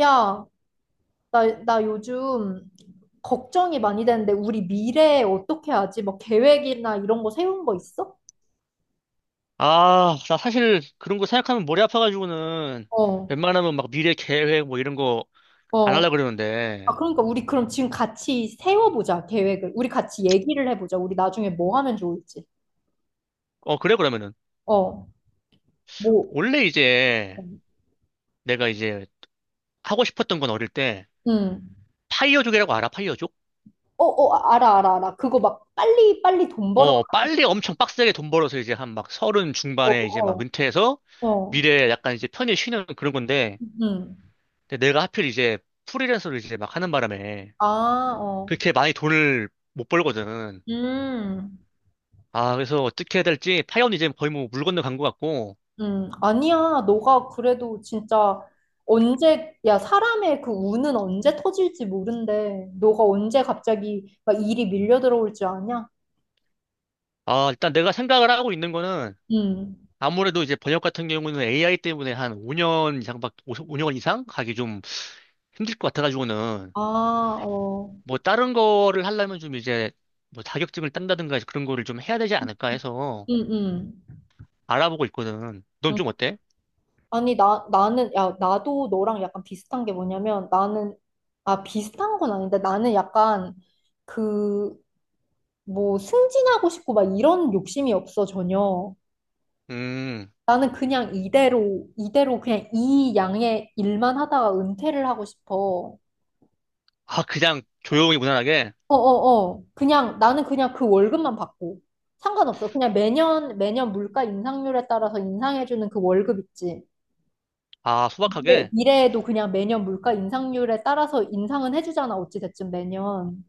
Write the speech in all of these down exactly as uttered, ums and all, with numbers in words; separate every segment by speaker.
Speaker 1: 야, 나, 나 요즘 걱정이 많이 되는데 우리 미래에 어떻게 하지? 뭐 계획이나 이런 거 세운 거 있어?
Speaker 2: 아, 나 사실 그런 거 생각하면 머리 아파가지고는
Speaker 1: 어,
Speaker 2: 웬만하면 막 미래 계획 뭐 이런 거 안
Speaker 1: 어.
Speaker 2: 하려고 그러는데.
Speaker 1: 아, 그러니까 우리 그럼 지금 같이 세워보자, 계획을. 우리 같이 얘기를 해보자. 우리 나중에 뭐 하면 좋을지.
Speaker 2: 어, 그래, 그러면은.
Speaker 1: 어, 뭐,
Speaker 2: 원래 이제 내가 이제 하고 싶었던 건 어릴 때
Speaker 1: 음.
Speaker 2: 파이어족이라고 알아, 파이어족?
Speaker 1: 어, 어, 아, 알아, 알아, 알아. 그거 막 빨리, 빨리 돈 벌어.
Speaker 2: 어, 빨리 엄청 빡세게 돈 벌어서 이제 한 막 서른
Speaker 1: 어,
Speaker 2: 중반에 이제 막
Speaker 1: 어,
Speaker 2: 은퇴해서
Speaker 1: 어.
Speaker 2: 미래에 약간 이제 편히 쉬는 그런 건데.
Speaker 1: 음.
Speaker 2: 근데 내가 하필 이제 프리랜서를 이제 막 하는 바람에
Speaker 1: 아, 어.
Speaker 2: 그렇게 많이 돈을 못 벌거든.
Speaker 1: 음.
Speaker 2: 아, 그래서 어떻게 해야 될지 파이어는 이제 거의 뭐 물 건너간 것 같고.
Speaker 1: 음, 아니야. 너가 그래도 진짜 언제, 야, 사람의 그 운은 언제 터질지 모른대. 너가 언제 갑자기 막 일이 밀려 들어올 줄 아냐?
Speaker 2: 아, 일단 내가 생각을 하고 있는 거는
Speaker 1: 음.
Speaker 2: 아무래도 이제 번역 같은 경우는 에이아이 때문에 한 오 년 이상밖, 오 년 이상 가기 좀 힘들 것 같아가지고는
Speaker 1: 아, 어.
Speaker 2: 뭐 다른 거를 하려면 좀 이제 뭐 자격증을 딴다든가 그런 거를 좀 해야 되지 않을까 해서
Speaker 1: 음, 음.
Speaker 2: 알아보고 있거든. 넌
Speaker 1: 음.
Speaker 2: 좀 어때?
Speaker 1: 아니, 나, 나는, 야, 나도 너랑 약간 비슷한 게 뭐냐면 나는, 아, 비슷한 건 아닌데 나는 약간 그, 뭐, 승진하고 싶고 막 이런 욕심이 없어, 전혀.
Speaker 2: 음,
Speaker 1: 나는 그냥 이대로, 이대로 그냥 이 양의 일만 하다가 은퇴를 하고 싶어.
Speaker 2: 아, 그냥 조용히 무난하게,
Speaker 1: 어 어어. 그냥, 나는 그냥 그 월급만 받고. 상관없어. 그냥 매년, 매년 물가 인상률에 따라서 인상해주는 그 월급 있지.
Speaker 2: 아,
Speaker 1: 근데
Speaker 2: 소박하게,
Speaker 1: 미래에도 그냥 매년 물가 인상률에 따라서 인상은 해주잖아. 어찌됐든 매년.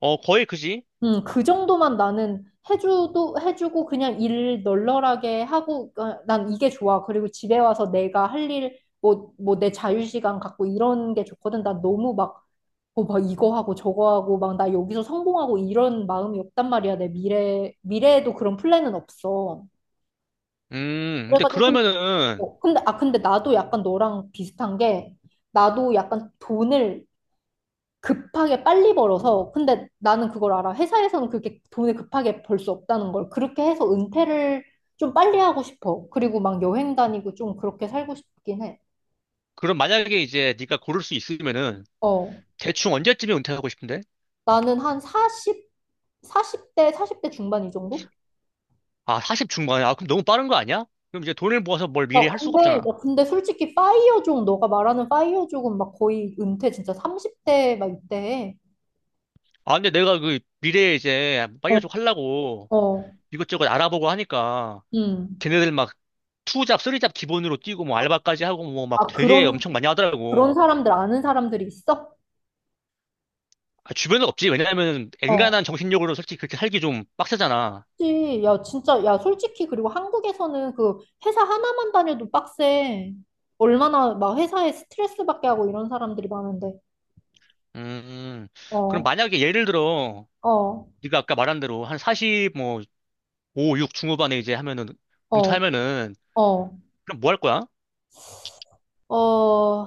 Speaker 2: 어, 거의 그지?
Speaker 1: 음, 그 정도만 나는 해주도 해주고 그냥 일 널널하게 하고 어, 난 이게 좋아. 그리고 집에 와서 내가 할 일, 뭐, 뭐 내 자유시간 갖고 이런 게 좋거든. 난 너무 막, 어, 막 이거 하고 저거 하고 막 나 여기서 성공하고 이런 마음이 없단 말이야. 내 미래, 미래에도 그런 플랜은 없어.
Speaker 2: 음, 근데
Speaker 1: 그래가지고 근데,
Speaker 2: 그러면은,
Speaker 1: 어, 근데, 아, 근데 나도 약간 너랑 비슷한 게 나도 약간 돈을 급하게 빨리 벌어서 근데 나는 그걸 알아. 회사에서는 그렇게 돈을 급하게 벌 수 없다는 걸 그렇게 해서 은퇴를 좀 빨리 하고 싶어. 그리고 막 여행 다니고 좀 그렇게 살고 싶긴 해.
Speaker 2: 그럼 만약에 이제 네가 고를 수 있으면은
Speaker 1: 어.
Speaker 2: 대충 언제쯤에 은퇴하고 싶은데?
Speaker 1: 나는 한 사십, 사십 대 사십 대 중반 이 정도?
Speaker 2: 아, 사십 중반에? 아, 그럼 너무 빠른 거 아니야? 그럼 이제 돈을 모아서 뭘 미래에
Speaker 1: 어,
Speaker 2: 할 수가
Speaker 1: 근데, 야,
Speaker 2: 없잖아.
Speaker 1: 근데 솔직히 파이어족, 너가 말하는 파이어족은 막 거의 은퇴 진짜 삼십 대 막 이때 해.
Speaker 2: 아, 근데 내가 그 미래에 이제
Speaker 1: 어,
Speaker 2: 파이어족 하려고
Speaker 1: 어,
Speaker 2: 이것저것 알아보고 하니까
Speaker 1: 음.
Speaker 2: 걔네들 막 투잡, 쓰리잡 기본으로 뛰고 뭐 알바까지 하고 뭐 막
Speaker 1: 아,
Speaker 2: 되게
Speaker 1: 그런,
Speaker 2: 엄청 많이
Speaker 1: 그런
Speaker 2: 하더라고.
Speaker 1: 사람들 아는 사람들이 있어?
Speaker 2: 아, 주변은 없지. 왜냐하면
Speaker 1: 어.
Speaker 2: 엔간한 정신력으로 솔직히 그렇게 살기 좀 빡세잖아.
Speaker 1: 그치. 야, 진짜, 야, 솔직히, 그리고 한국에서는 그 회사 하나만 다녀도 빡세. 얼마나 막 회사에 스트레스 받게 하고 이런 사람들이 많은데.
Speaker 2: 음, 그럼
Speaker 1: 어,
Speaker 2: 만약에 예를 들어
Speaker 1: 어,
Speaker 2: 네가 아까 말한 대로 한 사십, 뭐 오, 육 중후반에 이제 하면은
Speaker 1: 어,
Speaker 2: 은퇴하면은
Speaker 1: 어,
Speaker 2: 그럼 뭐 할 거야?
Speaker 1: 어,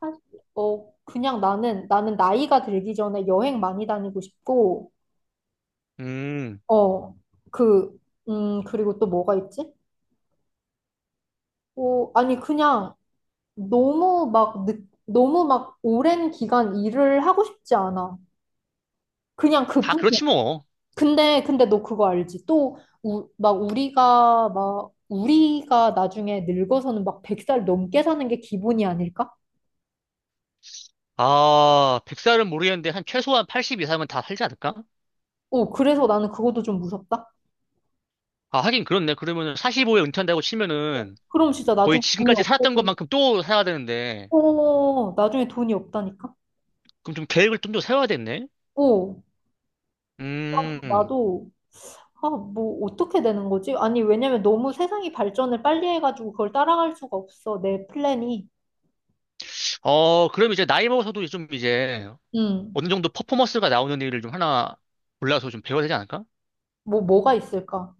Speaker 1: 사- 어, 그냥 나는, 나는 나이가 들기 전에 여행 많이 다니고 싶고,
Speaker 2: 음,
Speaker 1: 어, 그, 음, 그리고 또 뭐가 있지? 어, 아니, 그냥 너무 막, 늦, 너무 막 오랜 기간 일을 하고 싶지 않아. 그냥
Speaker 2: 다
Speaker 1: 그뿐이야.
Speaker 2: 그렇지 뭐.
Speaker 1: 근데 근데 너 그거 알지? 또 막 우리가 막 우리가 나중에 늙어서는 막 백 살 넘게 사는 게 기본이 아닐까?
Speaker 2: 아, 백 살은 모르겠는데 한 최소한 팔십 이상은 다 살지 않을까?
Speaker 1: 어, 그래서 나는 그것도 좀 무섭다.
Speaker 2: 아, 하긴 그렇네. 그러면 사십오에 은퇴한다고 치면은
Speaker 1: 그럼 진짜
Speaker 2: 거의
Speaker 1: 나중에 돈이
Speaker 2: 지금까지 살았던
Speaker 1: 없고,
Speaker 2: 것만큼 또 살아야 되는데
Speaker 1: 어, 나중에 돈이 없다니까?
Speaker 2: 그럼 좀 계획을 좀 더 세워야겠네.
Speaker 1: 어,
Speaker 2: 음.
Speaker 1: 나도, 아, 뭐, 어떻게 되는 거지? 아니, 왜냐면 너무 세상이 발전을 빨리 해가지고 그걸 따라갈 수가 없어, 내 플랜이.
Speaker 2: 어, 그럼 이제 나이 먹어서도 좀 이제
Speaker 1: 음,
Speaker 2: 어느 정도 퍼포먼스가 나오는 일을 좀 하나 골라서 좀 배워야 되지 않을까?
Speaker 1: 뭐, 뭐가 있을까?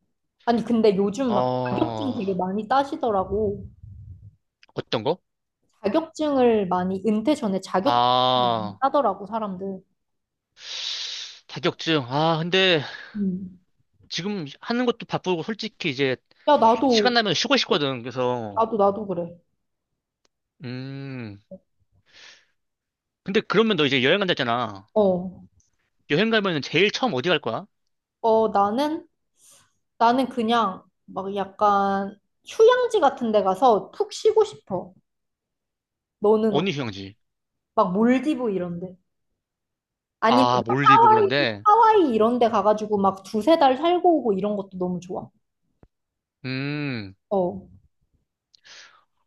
Speaker 1: 아니, 근데 요즘 막 자격증
Speaker 2: 어,
Speaker 1: 되게 많이 따시더라고.
Speaker 2: 어떤 거?
Speaker 1: 자격증을 많이 은퇴 전에 자격증을 많이
Speaker 2: 아,
Speaker 1: 따더라고 사람들.
Speaker 2: 자격증. 아, 근데
Speaker 1: 음.
Speaker 2: 지금 하는 것도 바쁘고 솔직히 이제
Speaker 1: 야 나도
Speaker 2: 시간 나면 쉬고 싶거든. 그래서.
Speaker 1: 나도 나도 그래.
Speaker 2: 음. 근데 그러면 너 이제 여행 간다잖아.
Speaker 1: 어.
Speaker 2: 여행 가면은 제일 처음 어디 갈 거야?
Speaker 1: 어 나는 나는 그냥 막 약간 휴양지 같은 데 가서 푹 쉬고 싶어. 너는 어때?
Speaker 2: 어느 휴양지.
Speaker 1: 막 몰디브 이런 데. 아니면
Speaker 2: 아,
Speaker 1: 막
Speaker 2: 몰디브
Speaker 1: 하와이
Speaker 2: 그런데.
Speaker 1: 하와이 이런 데 가가지고 막 두세 달 살고 오고 이런 것도 너무 좋아.
Speaker 2: 음.
Speaker 1: 어.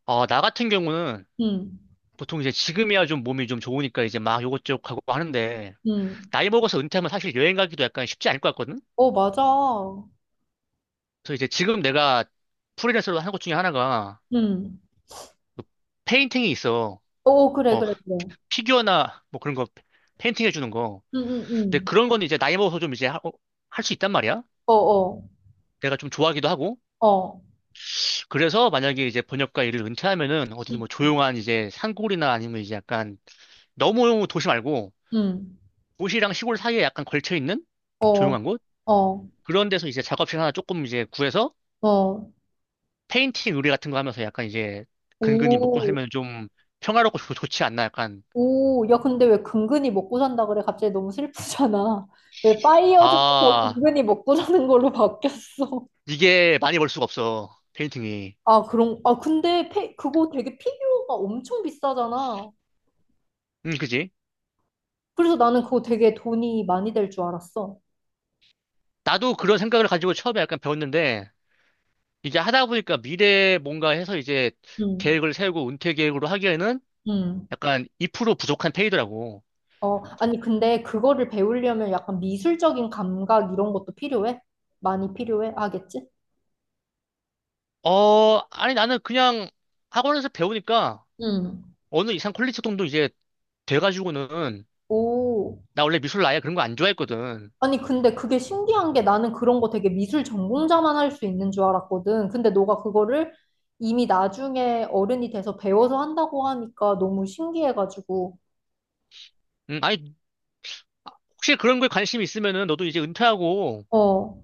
Speaker 2: 아, 나 같은 경우는
Speaker 1: 음.
Speaker 2: 보통 이제 지금이야 좀 몸이 좀 좋으니까 이제 막 요것저것 하고 하는데
Speaker 1: 음.
Speaker 2: 나이 먹어서 은퇴하면 사실 여행 가기도 약간 쉽지 않을 것 같거든?
Speaker 1: 어 맞아.
Speaker 2: 그래서 이제 지금 내가 프리랜서로 하는 것 중에 하나가
Speaker 1: 음.
Speaker 2: 그 페인팅이 있어.
Speaker 1: 어 어, 그래
Speaker 2: 뭐
Speaker 1: 그래 그래.
Speaker 2: 피규어나 뭐 그런 거 페인팅 해주는 거.
Speaker 1: 음 음,
Speaker 2: 근데
Speaker 1: 음.
Speaker 2: 그런 건 이제 나이 먹어서 좀 이제 할 수 있단 말이야.
Speaker 1: 어 어.
Speaker 2: 내가 좀 좋아하기도 하고.
Speaker 1: 어.
Speaker 2: 그래서 만약에 이제 번역가 일을 은퇴하면은 어디 뭐 조용한 이제 산골이나 아니면 이제 약간 너무 도시 말고
Speaker 1: 응.
Speaker 2: 도시랑 시골 사이에 약간 걸쳐 있는
Speaker 1: 어,
Speaker 2: 조용한 곳?
Speaker 1: 어,
Speaker 2: 그런 데서 이제 작업실 하나 조금 이제 구해서
Speaker 1: 어.
Speaker 2: 페인팅 의뢰 같은 거 하면서 약간 이제 근근히 먹고
Speaker 1: 오,
Speaker 2: 살면 좀 평화롭고 좋- 좋지 않나 약간.
Speaker 1: 오. 야, 근데 왜 근근히 먹고 산다 그래? 갑자기 너무 슬프잖아. 왜 파이어 쪽에서
Speaker 2: 아,
Speaker 1: 근근히 먹고 사는 걸로 바뀌었어?
Speaker 2: 이게 많이 벌 수가 없어. 페인팅이.
Speaker 1: 아, 그런, 아, 근데 페, 그거 되게 피규어가 엄청 비싸잖아.
Speaker 2: 음, 그지?
Speaker 1: 그래서 나는 그거 되게 돈이 많이 될 줄 알았어.
Speaker 2: 나도 그런 생각을 가지고 처음에 약간 배웠는데 이제 하다 보니까 미래 뭔가 해서 이제
Speaker 1: 응,
Speaker 2: 계획을 세우고 은퇴 계획으로 하기에는
Speaker 1: 응.
Speaker 2: 약간 이 퍼센트 부족한 페이더라고.
Speaker 1: 어, 아니, 근데 그거를 배우려면 약간 미술적인 감각 이런 것도 필요해? 많이 필요해? 하겠지?
Speaker 2: 어, 아니 나는 그냥 학원에서 배우니까
Speaker 1: 응.
Speaker 2: 어느 이상 퀄리티 정도 이제 돼가지고는
Speaker 1: 오.
Speaker 2: 나 원래 미술 아예 그런 거 안 좋아했거든.
Speaker 1: 아니, 근데 그게 신기한 게 나는 그런 거 되게 미술 전공자만 할 수 있는 줄 알았거든. 근데 너가 그거를 이미 나중에 어른이 돼서 배워서 한다고 하니까 너무 신기해가지고.
Speaker 2: 음, 아니 혹시 그런 거에 관심 이 있으면은 너도 이제 은퇴하고
Speaker 1: 어,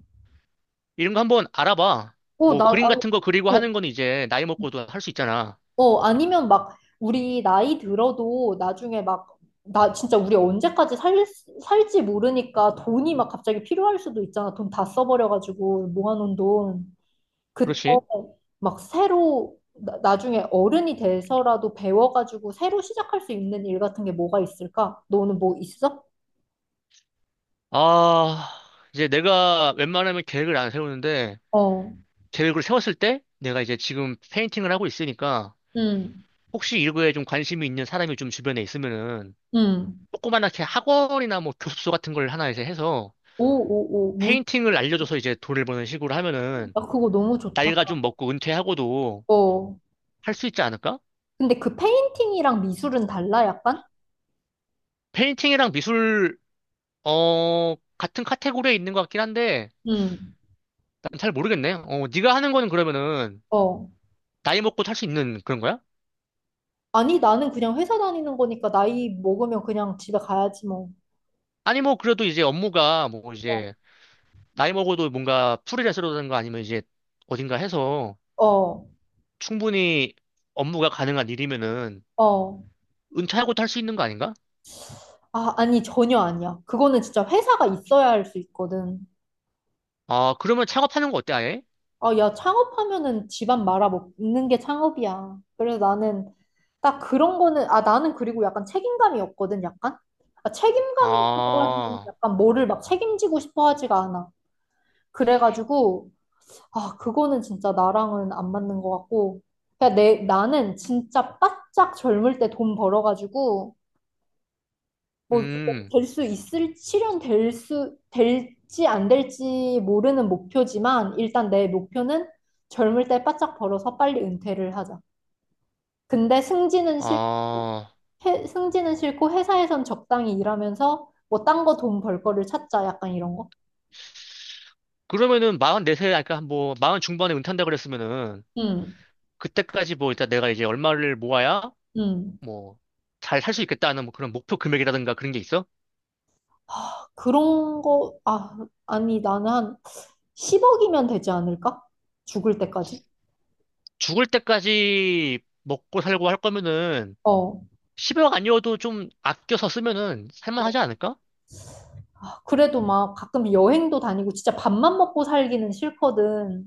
Speaker 2: 이런 거 한번 알아봐.
Speaker 1: 어,
Speaker 2: 뭐
Speaker 1: 나,
Speaker 2: 그림
Speaker 1: 아니,
Speaker 2: 같은 거 그리고
Speaker 1: 어,
Speaker 2: 하는 건 이제 나이 먹고도 할 수 있잖아.
Speaker 1: 어, 아니면 막 우리 나이 들어도 나중에 막 나 진짜 우리 언제까지 살, 살지 모르니까 돈이 막 갑자기 필요할 수도 있잖아. 돈 다 써버려가지고 모아놓은 돈. 그때
Speaker 2: 그렇지?
Speaker 1: 막 새로 나, 나중에 어른이 돼서라도 배워가지고 새로 시작할 수 있는 일 같은 게 뭐가 있을까? 너는 뭐 있어?
Speaker 2: 아, 이제 내가 웬만하면 계획을 안 세우는데
Speaker 1: 어,
Speaker 2: 계획을 세웠을 때 내가 이제 지금 페인팅을 하고 있으니까
Speaker 1: 응,
Speaker 2: 혹시 이거에 좀 관심이 있는 사람이 좀 주변에 있으면은
Speaker 1: 응.
Speaker 2: 조그만하게 학원이나 뭐 교습소 같은 걸 하나 이제 해서
Speaker 1: 오, 오, 오, 무슨,
Speaker 2: 페인팅을 알려줘서 이제 돈을 버는 식으로 하면은
Speaker 1: 나 그거 너무 좋다.
Speaker 2: 나이가 좀 먹고 은퇴하고도
Speaker 1: 어.
Speaker 2: 할 수 있지 않을까?
Speaker 1: 근데 그 페인팅이랑 미술은 달라, 약간?
Speaker 2: 페인팅이랑 미술 어 같은 카테고리에 있는 것 같긴 한데
Speaker 1: 응,
Speaker 2: 난 잘 모르겠네. 어, 네가 하는 거는 그러면은
Speaker 1: 어.
Speaker 2: 나이 먹고 할 수 있는 그런 거야?
Speaker 1: 아니, 나는 그냥 회사 다니는 거니까 나이 먹으면 그냥 집에 가야지, 뭐.
Speaker 2: 아니 뭐 그래도 이제 업무가 뭐
Speaker 1: 어,
Speaker 2: 이제 나이 먹어도 뭔가 프리랜서라든가 아니면 이제 어딘가 해서
Speaker 1: 어.
Speaker 2: 충분히 업무가 가능한 일이면은
Speaker 1: 어.
Speaker 2: 은퇴하고도 할 수 있는 거 아닌가?
Speaker 1: 아, 아니, 전혀 아니야. 그거는 진짜 회사가 있어야 할 수 있거든.
Speaker 2: 아, 그러면 창업하는 거 어때, 아예?
Speaker 1: 아, 야, 창업하면은 집안 말아 먹는 게 창업이야. 그래서 나는 딱 그런 거는, 아, 나는 그리고 약간 책임감이 없거든, 약간? 아, 책임감이라고 하기
Speaker 2: 아,
Speaker 1: 약간 뭐를 막 책임지고 싶어 하지가 않아. 그래가지고, 아, 그거는 진짜 나랑은 안 맞는 것 같고. 그냥 내, 나는 진짜 바짝 젊을 때 돈 벌어가지고, 뭐
Speaker 2: 음,
Speaker 1: 될 수 있을 실현될 수 될지 안 될지 모르는 목표지만 일단 내 목표는 젊을 때 바짝 벌어서 빨리 은퇴를 하자. 근데 승진은 싫고
Speaker 2: 아.
Speaker 1: 해- 승진은 싫고 회사에선 적당히 일하면서 뭐 딴 거 돈 벌 거를 찾자 약간 이런 거.
Speaker 2: 그러면은 마흔 네 세 그러니까 뭐, 마흔 중반에 은퇴한다 그랬으면은,
Speaker 1: 음.
Speaker 2: 그때까지 뭐, 일단 내가 이제 얼마를 모아야,
Speaker 1: 음.
Speaker 2: 뭐, 잘 살 수 있겠다는 뭐 그런 목표 금액이라든가 그런 게 있어?
Speaker 1: 하, 그런 거 아, 아니 나는 한 십억이면 되지 않을까? 죽을 때까지.
Speaker 2: 죽을 때까지 먹고 살고 할 거면은,
Speaker 1: 어.
Speaker 2: 십억 아니어도 좀 아껴서 쓰면은, 살만하지 않을까?
Speaker 1: 그래도 막 가끔 여행도 다니고 진짜 밥만 먹고 살기는 싫거든.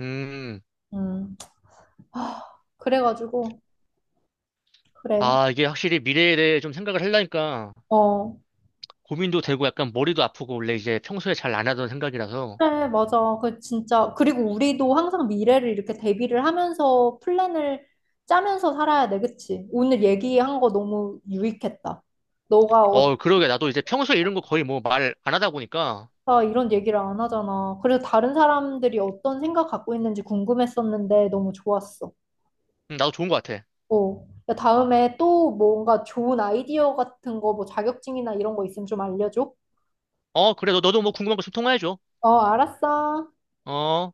Speaker 2: 음,
Speaker 1: 음. 하, 그래가지고 그래.
Speaker 2: 아, 이게 확실히 미래에 대해 좀 생각을 하려니까,
Speaker 1: 어.
Speaker 2: 고민도 되고 약간 머리도 아프고, 원래 이제 평소에 잘 안 하던 생각이라서,
Speaker 1: 그래, 맞아. 그 진짜 그리고 우리도 항상 미래를 이렇게 대비를 하면서 플랜을 짜면서 살아야 돼, 그치? 오늘 얘기한 거 너무 유익했다. 너가 어쩌다
Speaker 2: 어, 그러게. 나도 이제 평소에 이런 거 거의 뭐 말 안 하다 보니까,
Speaker 1: 이런 얘기를 안 하잖아. 그래서 다른 사람들이 어떤 생각 갖고 있는지 궁금했었는데 너무 좋았어.
Speaker 2: 음, 나도 좋은 것 같아.
Speaker 1: 어. 야, 다음에 또 뭔가 좋은 아이디어 같은 거, 뭐 자격증이나 이런 거 있으면 좀 알려줘.
Speaker 2: 어, 그래. 너, 너도 뭐 궁금한 거 좀 통화해줘.
Speaker 1: 어, 알았어.
Speaker 2: 어.